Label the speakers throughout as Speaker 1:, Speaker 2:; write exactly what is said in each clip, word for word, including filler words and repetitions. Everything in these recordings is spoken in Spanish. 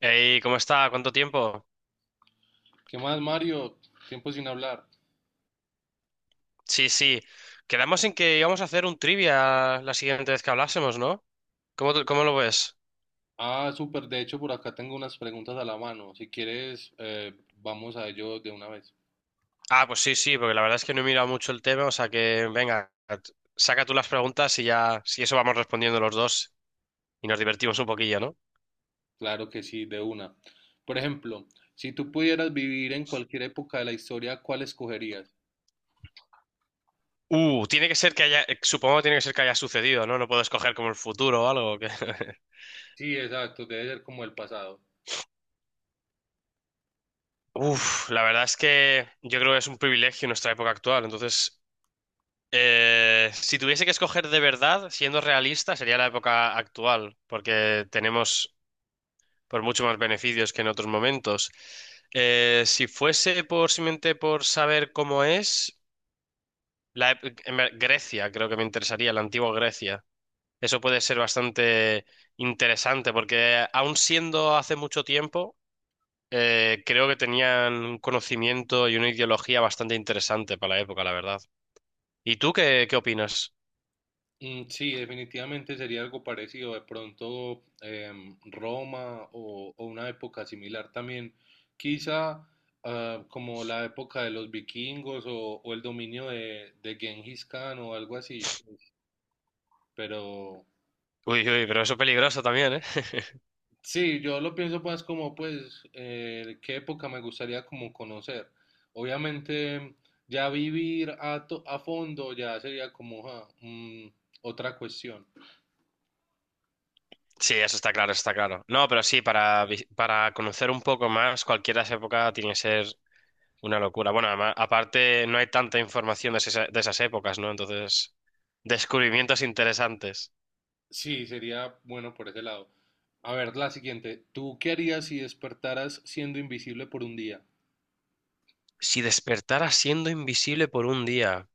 Speaker 1: Ey, ¿cómo está? ¿Cuánto tiempo?
Speaker 2: ¿Qué más, Mario? Tiempo sin hablar.
Speaker 1: Sí, sí. Quedamos en que íbamos a hacer un trivia la siguiente vez que hablásemos, ¿no? ¿Cómo, te- cómo lo ves?
Speaker 2: Ah, súper. De hecho, por acá tengo unas preguntas a la mano. Si quieres, eh, vamos a ello de una vez.
Speaker 1: Ah, pues sí, sí, porque la verdad es que no he mirado mucho el tema, o sea que, venga, t- saca tú las preguntas y ya, si eso vamos respondiendo los dos y nos divertimos un poquillo, ¿no?
Speaker 2: Claro que sí, de una. Por ejemplo, si tú pudieras vivir en cualquier época de la historia, ¿cuál escogerías?
Speaker 1: Uh, tiene que ser que haya, eh, supongo que tiene que ser que haya sucedido, ¿no? No puedo escoger como el futuro o algo. que-
Speaker 2: Sí, exacto. Debe ser como el pasado.
Speaker 1: Uf, la verdad es que yo creo que es un privilegio en nuestra época actual, entonces, Eh, si tuviese que escoger de verdad, siendo realista, sería la época actual, porque tenemos por mucho más beneficios que en otros momentos. Eh, si fuese por simplemente por saber cómo es, la, ep- en ver- Grecia, creo que me interesaría, la antigua Grecia. Eso puede ser bastante interesante, porque aun siendo hace mucho tiempo, eh, creo que tenían un conocimiento y una ideología bastante interesante para la época, la verdad. ¿Y tú qué, qué opinas?
Speaker 2: Mm, sí, definitivamente sería algo parecido, de pronto em, Roma o, o una época similar también, quizá ah, como la época de los vikingos o, o el dominio de, de Genghis Khan o algo así, pero
Speaker 1: Uy, uy, pero eso es peligroso también.
Speaker 2: sí, yo lo pienso más como pues eh, qué época me gustaría como conocer. Obviamente ya vivir a, to- a fondo ya sería como ja, mm, otra cuestión.
Speaker 1: Sí, eso está claro, eso está claro. No, pero sí, para, vi- para conocer un poco más, cualquiera de esa época tiene que ser una locura. Bueno, además, aparte no hay tanta información de, esa- de esas épocas, ¿no? Entonces, descubrimientos interesantes.
Speaker 2: Sí, sería bueno por ese lado. A ver, la siguiente. ¿Tú qué harías si despertaras siendo invisible por un día?
Speaker 1: Si despertara siendo invisible por un día,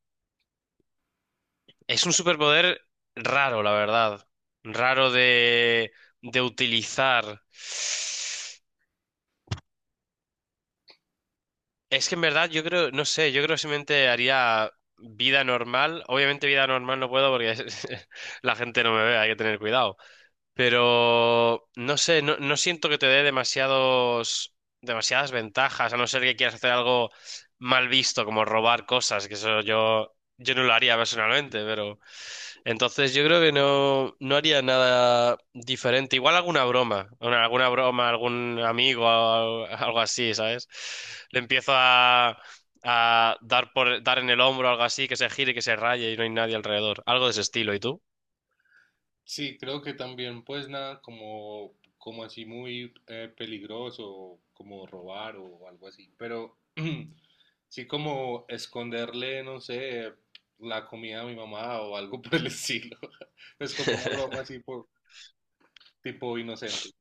Speaker 1: es un superpoder raro, la verdad. Raro de, de utilizar. Es que en verdad yo creo, no sé, yo creo que simplemente haría vida normal. Obviamente vida normal no puedo porque es- la gente no me ve, hay que tener cuidado. Pero no sé, no, no siento que te dé demasiados, demasiadas ventajas, a no ser que quieras hacer algo mal visto, como robar cosas, que eso yo, yo no lo haría personalmente, pero... Entonces yo creo que no, no haría nada diferente. Igual alguna broma, una- alguna broma, algún amigo, al- algo así, ¿sabes? Le empiezo a, a dar por, dar en el hombro, algo así, que se gire, que se raye y no hay nadie alrededor. Algo de ese estilo, ¿y tú?
Speaker 2: Sí, creo que también, pues nada, como, como así muy eh, peligroso, como robar o algo así. Pero sí, como esconderle, no sé, la comida a mi mamá o algo por el estilo. Es como una broma así, por, tipo inocente.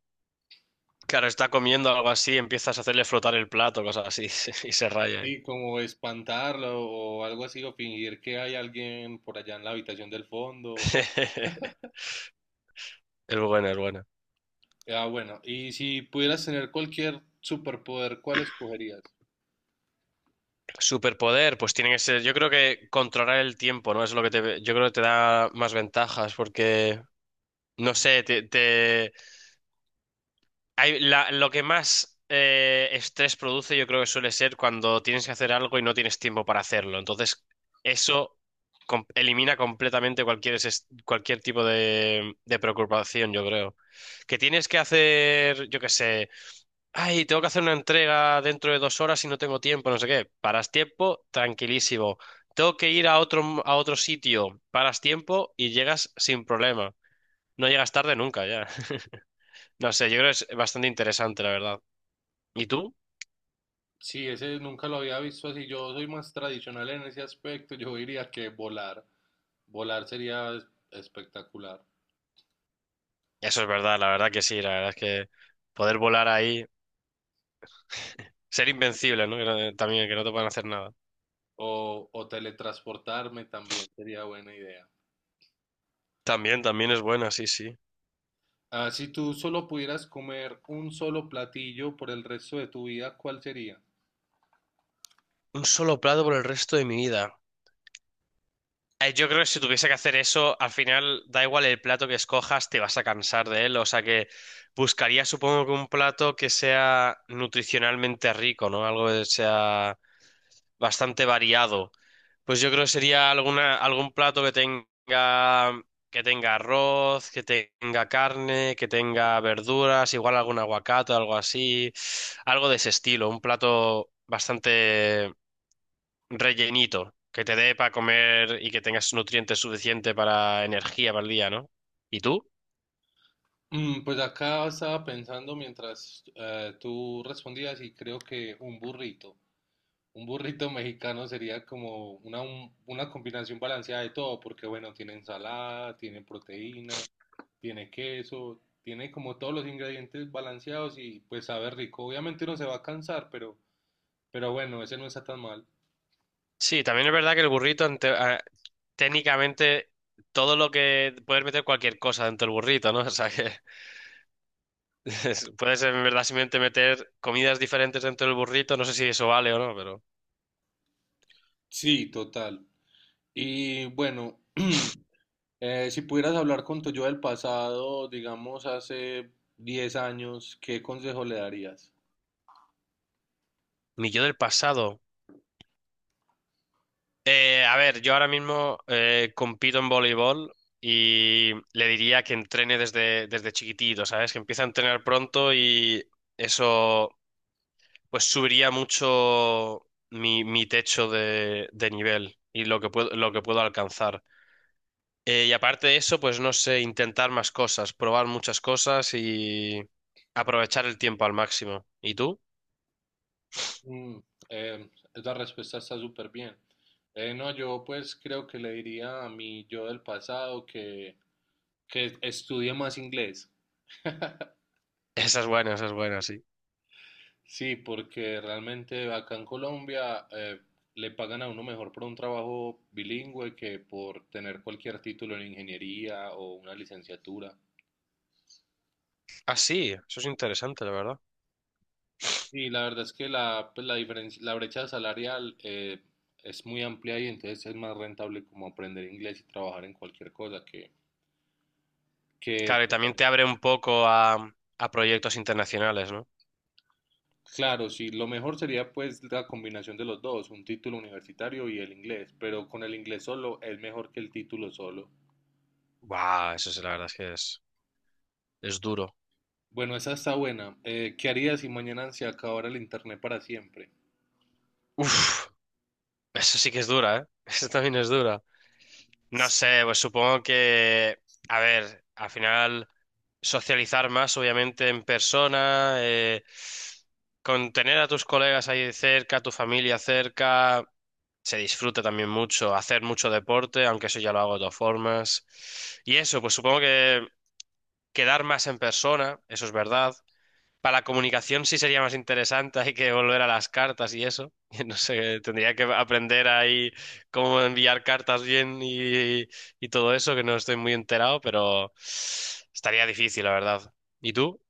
Speaker 1: Claro, está comiendo algo así, empiezas a hacerle flotar el plato, cosas así, y se raya ahí.
Speaker 2: Y como espantarlo o algo así, o fingir que hay alguien por allá en la habitación del fondo.
Speaker 1: Es buena, es buena.
Speaker 2: Ah, bueno, ¿y si pudieras tener cualquier superpoder, cuál escogerías?
Speaker 1: Superpoder, pues tiene que ser, yo creo que controlar el tiempo, ¿no? Es lo que te, yo creo que te da más ventajas, porque no sé, te, te- hay- la- lo que más eh, estrés produce yo creo que suele ser cuando tienes que hacer algo y no tienes tiempo para hacerlo. Entonces, eso com- elimina completamente cualquier, es- cualquier tipo de, de preocupación, yo creo. Que tienes que hacer, yo qué sé, ay, tengo que hacer una entrega dentro de dos horas y no tengo tiempo, no sé qué. Paras tiempo, tranquilísimo. Tengo que ir a otro, a otro sitio, paras tiempo y llegas sin problema. No llegas tarde nunca, ya. No sé, yo creo que es bastante interesante, la verdad. ¿Y tú?
Speaker 2: Sí, ese nunca lo había visto así. Yo soy más tradicional en ese aspecto. Yo diría que volar. Volar sería es- espectacular.
Speaker 1: Eso es verdad, la verdad que sí, la verdad es que poder volar ahí, ser invencible, ¿no? Que no- eh, también, que no te puedan hacer nada.
Speaker 2: O, o teletransportarme también sería buena idea.
Speaker 1: También, también es buena, sí, sí.
Speaker 2: Ah, si tú solo pudieras comer un solo platillo por el resto de tu vida, ¿cuál sería?
Speaker 1: Un solo plato por el resto de mi vida. Eh, Yo creo que si tuviese que hacer eso, al final da igual el plato que escojas, te vas a cansar de él. O sea que buscaría, supongo que un plato que sea nutricionalmente rico, ¿no? Algo que sea bastante variado. Pues yo creo que sería alguna, algún plato que tenga, que tenga arroz, que tenga carne, que tenga verduras, igual algún aguacate, algo así, algo de ese estilo, un plato bastante rellenito, que te dé para comer y que tengas nutrientes suficientes para energía para el día, ¿no? ¿Y tú?
Speaker 2: Mm, pues acá estaba pensando mientras eh, tú respondías y creo que un burrito, un burrito mexicano sería como una, un- una combinación balanceada de todo, porque bueno, tiene ensalada, tiene proteína, tiene queso, tiene como todos los ingredientes balanceados y pues sabe rico. Obviamente uno se va a cansar, pero, pero bueno, ese no está tan mal.
Speaker 1: Sí, también es verdad que el burrito, ante- a- técnicamente, todo lo que puedes meter cualquier cosa dentro del burrito, ¿no? O sea que... Es- Puedes en verdad simplemente meter comidas diferentes dentro del burrito, no sé si eso vale o no, pero...
Speaker 2: Sí, total. Y bueno, eh, si pudieras hablar con tu yo del pasado, digamos hace diez años, ¿qué consejo le darías?
Speaker 1: Mi yo del pasado. Eh, a ver, yo ahora mismo eh, compito en voleibol y le diría que entrene desde, desde chiquitito, ¿sabes? Que empiece a entrenar pronto y eso pues subiría mucho mi, mi techo de, de nivel y lo que puedo, lo que puedo alcanzar. Eh, y aparte de eso, pues no sé, intentar más cosas, probar muchas cosas y aprovechar el tiempo al máximo. ¿Y tú?
Speaker 2: Mm, eh, esa respuesta está súper bien. Eh, no, yo pues creo que le diría a mi yo del pasado que, que estudie más inglés.
Speaker 1: Esa es buena, esa es buena, sí.
Speaker 2: Sí, porque realmente acá en Colombia eh, le pagan a uno mejor por un trabajo bilingüe que por tener cualquier título en ingeniería o una licenciatura.
Speaker 1: Ah, sí, eso es interesante, la verdad.
Speaker 2: Sí, la verdad es que la, pues, la diferencia, la brecha salarial eh, es muy amplia y entonces es más rentable como aprender inglés y trabajar en cualquier cosa que, que
Speaker 1: Claro, y también te abre un poco a, a proyectos internacionales, ¿no?
Speaker 2: claro, sí, lo mejor sería pues la combinación de los dos, un título universitario y el inglés, pero con el inglés solo es mejor que el título solo.
Speaker 1: Buah, eso es, la verdad es que es, es duro.
Speaker 2: Bueno, esa está buena. Eh, ¿qué harías si mañana se acabara el internet para siempre?
Speaker 1: Uf, eso sí que es dura, ¿eh? Eso también es dura. No sé, pues supongo que, a ver, al final socializar más, obviamente, en persona, eh, con tener a tus colegas ahí cerca, a tu familia cerca, se disfruta también mucho, hacer mucho deporte, aunque eso ya lo hago de todas formas. Y eso, pues supongo que quedar más en persona, eso es verdad. Para la comunicación sí sería más interesante, hay que volver a las cartas y eso. No sé, tendría que aprender ahí cómo enviar cartas bien y, y todo eso, que no estoy muy enterado, pero estaría difícil, la verdad. ¿Y tú?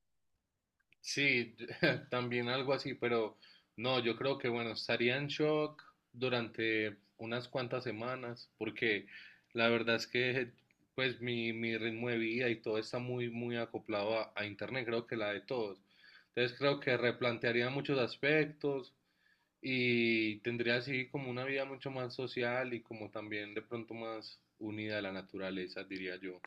Speaker 2: Sí, también algo así, pero no, yo creo que bueno, estaría en shock durante unas cuantas semanas, porque la verdad es que pues mi, mi ritmo de vida y todo está muy, muy acoplado a, a internet, creo que la de todos. Entonces creo que replantearía muchos aspectos y tendría así como una vida mucho más social y como también de pronto más unida a la naturaleza, diría yo.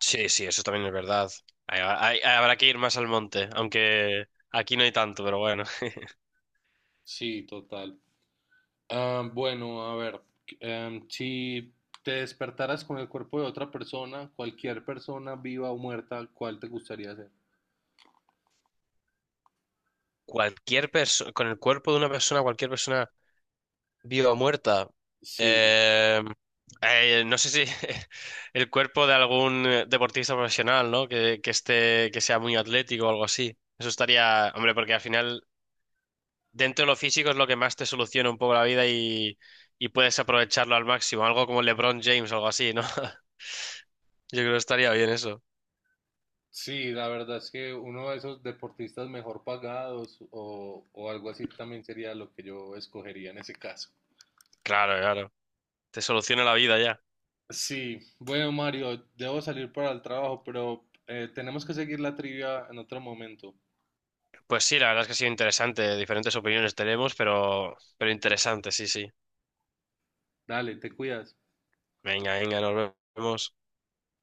Speaker 1: Sí, sí, eso también es verdad. Hay- hay- habrá que ir más al monte, aunque aquí no hay tanto, pero bueno.
Speaker 2: Sí, total. Ah, bueno, a ver, em, si te despertaras con el cuerpo de otra persona, cualquier persona viva o muerta, ¿cuál te gustaría ser?
Speaker 1: Cualquier persona, con el cuerpo de una persona, cualquier persona viva o muerta.
Speaker 2: Sí,
Speaker 1: Eh, eh, no sé si el cuerpo de algún eh, deportista profesional, ¿no? Que, que esté, que sea muy atlético o algo así. Eso estaría, hombre, porque al final, dentro de lo físico es lo que más te soluciona un poco la vida y, y puedes aprovecharlo al máximo. Algo como LeBron James, algo así, ¿no? Yo creo que estaría bien eso.
Speaker 2: sí, la verdad es que uno de esos deportistas mejor pagados o, o algo así también sería lo que yo escogería en ese caso.
Speaker 1: Claro, claro. Te soluciona la vida ya.
Speaker 2: Sí, bueno, Mario, debo salir para el trabajo, pero eh, tenemos que seguir la trivia en otro momento.
Speaker 1: Pues sí, la verdad es que ha sido interesante. Diferentes opiniones tenemos, pero, pero interesante, sí, sí.
Speaker 2: Dale, te cuidas.
Speaker 1: Venga, venga, nos vemos.